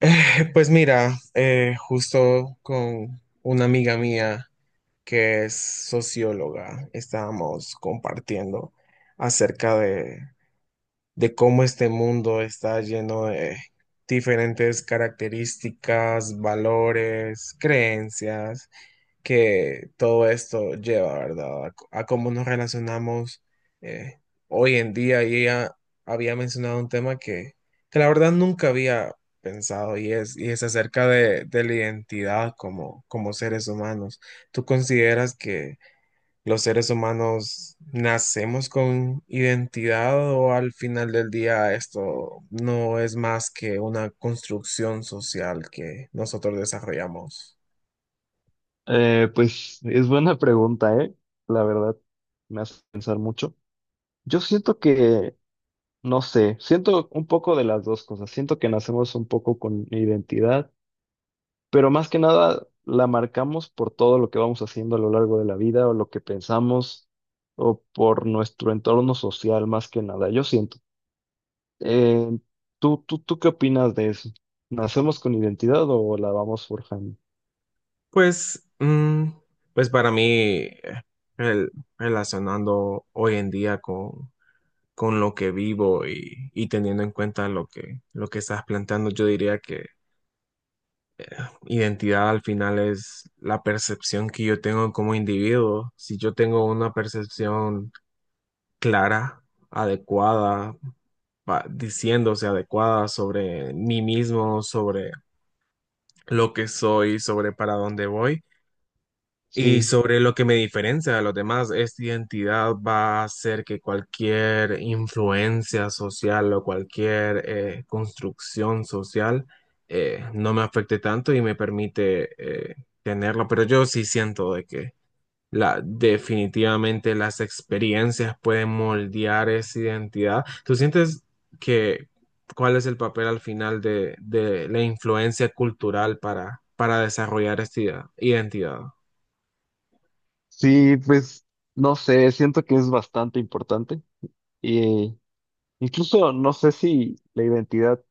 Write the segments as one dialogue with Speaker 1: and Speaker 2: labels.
Speaker 1: Pues mira, justo con una amiga mía que es socióloga, estábamos compartiendo acerca de, de cómo este mundo está lleno de diferentes características, valores, creencias que todo esto lleva, ¿verdad? A cómo nos relacionamos eh, hoy en día. Y ella había mencionado un tema que la verdad nunca había pensado y es de la identidad como seres humanos. ¿Tú consideras que los seres humanos nacemos con identidad o al final del día esto no es más que una construcción social que nosotros desarrollamos?
Speaker 2: Pues es buena pregunta, ¿eh? La verdad, me hace pensar mucho. Yo siento que, no sé, siento un poco de las dos cosas. Siento que nacemos un poco con identidad, pero más que nada la marcamos por todo lo que vamos haciendo a lo largo de la vida o lo que pensamos o por nuestro entorno social, más que nada. Yo siento. Eh, ¿tú qué opinas de eso? ¿Nacemos con identidad o la vamos forjando?
Speaker 1: Pues, pues para mí, eh, el- relacionando hoy en día con lo que vivo y teniendo en cuenta lo lo que estás planteando, yo diría que identidad al final es la percepción que yo tengo como individuo. Si yo tengo una percepción clara, adecuada, diciéndose adecuada sobre mí mismo, sobre lo que soy, sobre para dónde voy. Y
Speaker 2: Sí.
Speaker 1: sobre lo que me diferencia de los demás, esta identidad va a ser que cualquier influencia social o cualquier construcción social no me afecte tanto y me permite tenerlo. Pero yo sí siento de que la, definitivamente las experiencias pueden moldear esa identidad. ¿Tú sientes que cuál es el papel al final de la influencia cultural para desarrollar esta identidad?
Speaker 2: Sí, pues no sé, siento que es bastante importante y incluso no sé si la identidad,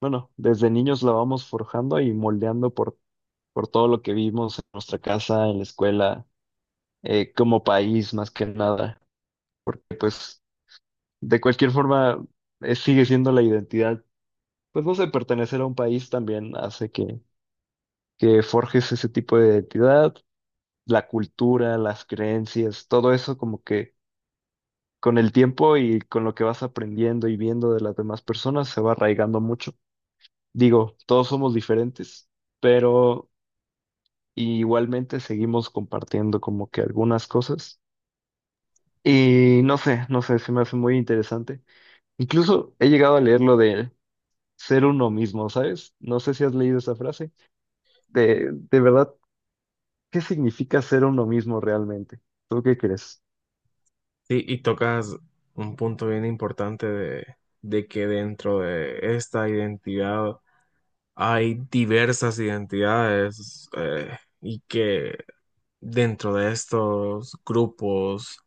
Speaker 2: bueno, desde niños la vamos forjando y moldeando por todo lo que vimos en nuestra casa, en la escuela, como país más que nada, porque pues de cualquier forma sigue siendo la identidad, pues no sé, pertenecer a un país también hace que forjes ese tipo de identidad, la cultura, las creencias, todo eso como que con el tiempo y con lo que vas aprendiendo y viendo de las demás personas se va arraigando mucho. Digo, todos somos diferentes, pero igualmente seguimos compartiendo como que algunas cosas. Y no sé, no sé, se me hace muy interesante. Incluso he llegado a leer lo de ser uno mismo, ¿sabes? No sé si has leído esa frase. De verdad, ¿qué significa ser uno mismo realmente? ¿Tú qué crees?
Speaker 1: Sí, y tocas un punto bien importante de que dentro de esta identidad hay diversas identidades y que dentro de estos grupos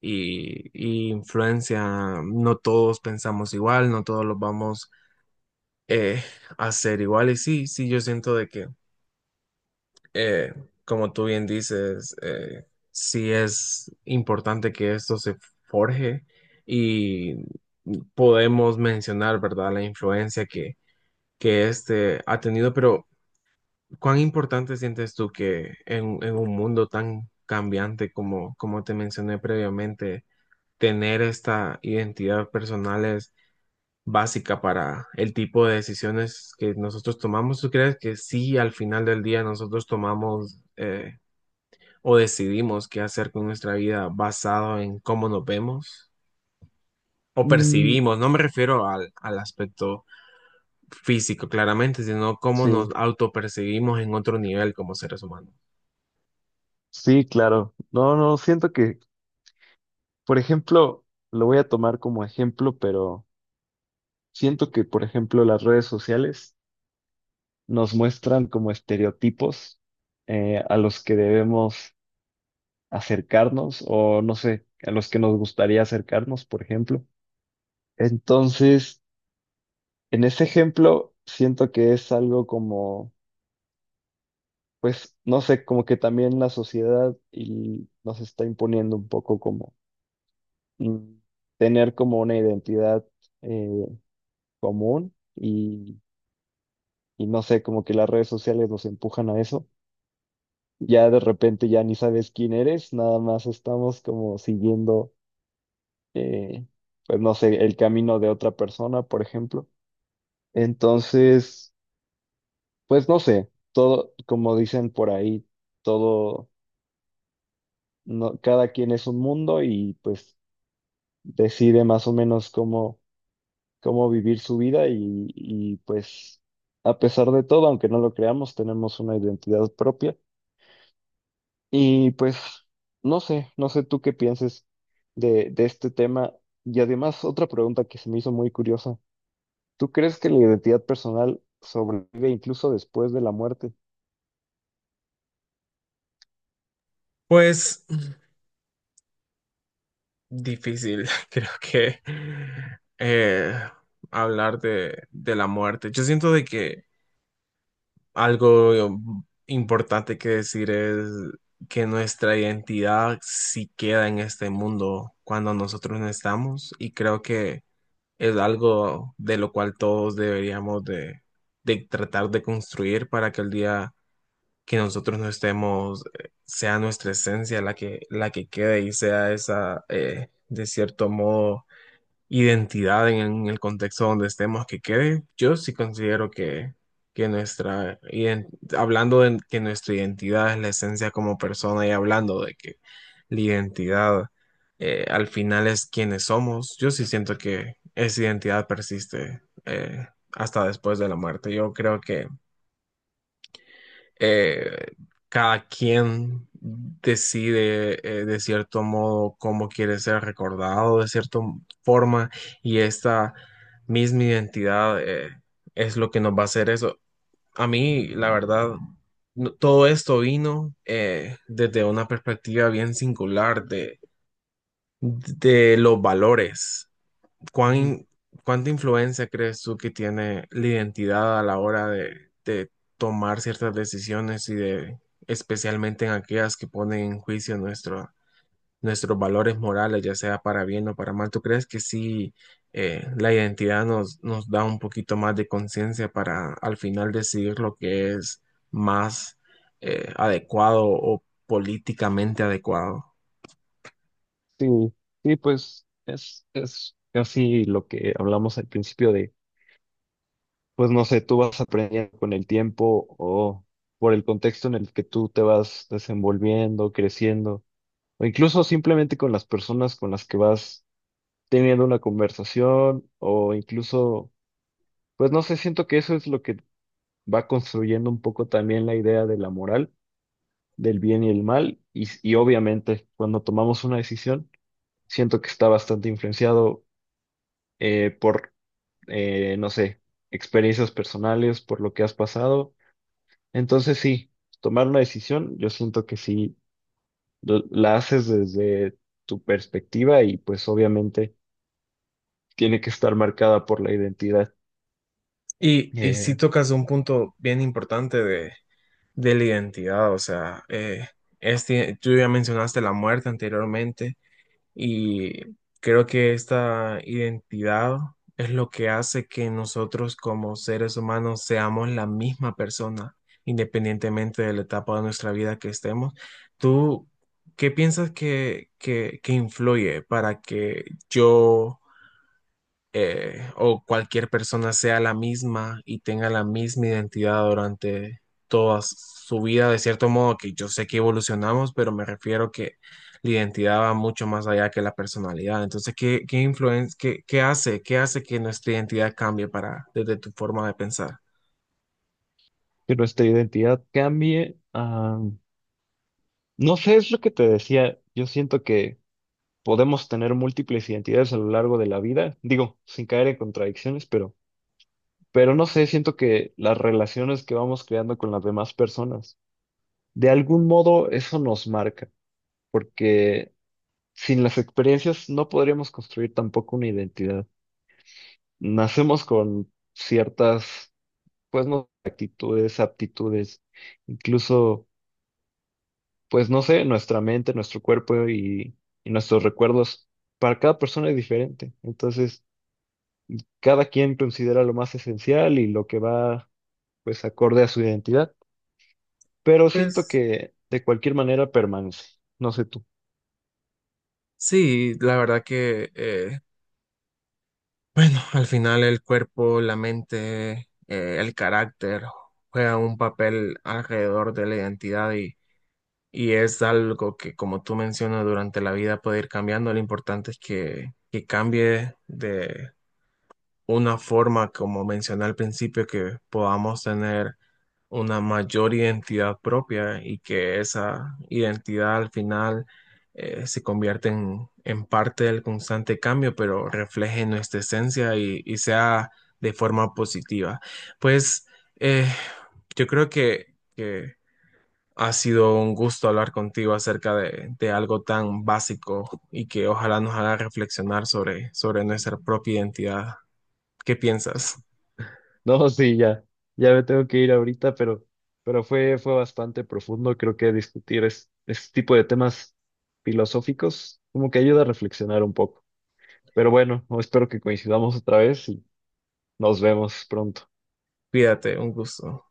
Speaker 1: y influencia no todos pensamos igual, no todos los vamos eh, a hacer igual. Y sí, sí, yo siento de que eh, como tú bien dices, sí es importante que esto se forje y podemos mencionar, ¿verdad?, la influencia que este ha tenido, pero ¿cuán importante sientes tú que en un mundo tan cambiante como te mencioné previamente, tener esta identidad personal es básica para el tipo de decisiones que nosotros tomamos? ¿Tú crees que sí, al final del día nosotros tomamos o decidimos qué hacer con nuestra vida basado en cómo nos vemos o
Speaker 2: Mm,
Speaker 1: percibimos? No me refiero al aspecto físico claramente, sino cómo nos
Speaker 2: sí,
Speaker 1: autopercibimos en otro nivel como seres humanos.
Speaker 2: sí, claro. No, no, siento que por ejemplo, lo voy a tomar como ejemplo, pero siento que, por ejemplo, las redes sociales nos muestran como estereotipos a los que debemos acercarnos o, no sé, a los que nos gustaría acercarnos, por ejemplo. Entonces, en ese ejemplo, siento que es algo como, pues, no sé, como que también la sociedad y nos está imponiendo un poco como mm, tener como una identidad eh, común. Y no sé, como que las redes sociales nos empujan a eso. Ya de repente ya ni sabes quién eres, nada más estamos como siguiendo, eh, pues no sé, el camino de otra persona, por ejemplo. Entonces, pues no sé, todo, como dicen por ahí, todo, no, cada quien es un mundo y pues decide más o menos cómo, cómo vivir su vida y pues a pesar de todo, aunque no lo creamos, tenemos una identidad propia. Y pues, no sé, no sé tú qué pienses de este tema. Y además, otra pregunta que se me hizo muy curiosa. ¿Tú crees que la identidad personal sobrevive incluso después de la muerte?
Speaker 1: Pues difícil, creo que eh, hablar de la muerte. Yo siento de que algo importante que decir es que nuestra identidad sí queda en este mundo cuando nosotros no estamos y creo que es algo de lo cual todos deberíamos de tratar de construir para que el día que nosotros no estemos, sea nuestra esencia la que quede y sea esa, de cierto modo, identidad en el contexto donde estemos que quede. Yo sí considero que nuestra, hablando de que nuestra identidad es la esencia como persona y hablando de que la identidad al final es quienes somos. Yo sí siento que esa identidad persiste hasta después de la muerte. Yo creo que eh, cada quien decide de cierto modo cómo quiere ser recordado, de cierta forma, y esta misma identidad es lo que nos va a hacer eso. A mí, la verdad, no, todo esto vino desde una perspectiva bien singular de los valores.
Speaker 2: Ujú.
Speaker 1: ¿Cuán, cuánta influencia crees tú que tiene la identidad a la hora de tomar ciertas decisiones y de, especialmente en aquellas que ponen en juicio nuestro, nuestros valores morales, ya sea para bien o para mal? ¿Tú crees que sí la identidad nos, nos da un poquito más de conciencia para al final decidir lo que es más adecuado o políticamente adecuado?
Speaker 2: Sí, sí, pues es casi lo que hablamos al principio de, pues no sé, tú vas aprendiendo con el tiempo o por el contexto en el que tú te vas desenvolviendo, creciendo, o incluso simplemente con las personas con las que vas teniendo una conversación o incluso, pues no sé, siento que eso es lo que va construyendo un poco también la idea de la moral, del bien y el mal, y, s- y obviamente cuando tomamos una decisión, siento que está bastante influenciado por, no sé, experiencias personales, por lo que has pasado. Entonces sí, tomar una decisión, yo siento que sí, l- la haces desde tu perspectiva y pues obviamente tiene que estar marcada por la identidad.
Speaker 1: Y sí
Speaker 2: eh,
Speaker 1: tocas un punto bien importante de la identidad, o sea, este, tú ya mencionaste la muerte anteriormente y creo que esta identidad es lo que hace que nosotros como seres humanos seamos la misma persona, independientemente de la etapa de nuestra vida que estemos. ¿Tú qué piensas que influye para que yo o cualquier persona sea la misma y tenga la misma identidad durante toda su vida? De cierto modo que yo sé que evolucionamos, pero me refiero que la identidad va mucho más allá que la personalidad. Entonces, ¿qué qué, qué hace? ¿Qué hace que nuestra identidad cambie para, desde tu forma de pensar?
Speaker 2: que nuestra identidad cambie. No sé, es lo que te decía. Yo siento que podemos tener múltiples identidades a lo largo de la vida, digo, sin caer en contradicciones, pero no sé, siento que las relaciones que vamos creando con las demás personas, de algún modo eso nos marca, porque sin las experiencias no podríamos construir tampoco una identidad. Nacemos con ciertas, pues no, actitudes, aptitudes, incluso pues no sé, nuestra mente, nuestro cuerpo y nuestros recuerdos, para cada persona es diferente. Entonces, cada quien considera lo más esencial y lo que va, pues, acorde a su identidad. Pero siento
Speaker 1: Pues
Speaker 2: que de cualquier manera permanece. No sé tú.
Speaker 1: sí, la verdad que al final el cuerpo, la mente, el carácter juegan un papel alrededor de la identidad y. Y es algo que, como tú mencionas, durante la vida puede ir cambiando. Lo importante es que cambie de una forma, como mencioné al principio, que podamos tener una mayor identidad propia y que esa identidad al final se convierta en parte del constante cambio, pero refleje nuestra esencia y sea de forma positiva. Pues eh, yo creo que ha sido un gusto hablar contigo acerca de algo tan básico y que ojalá nos haga reflexionar sobre, sobre nuestra propia identidad. ¿Qué piensas?
Speaker 2: No, sí, ya, ya me tengo que ir ahorita, pero fue, fue bastante profundo. Creo que discutir es, este tipo de temas filosóficos como que ayuda a reflexionar un poco. Pero bueno, espero que coincidamos otra vez y nos vemos pronto.
Speaker 1: Cuídate, un gusto.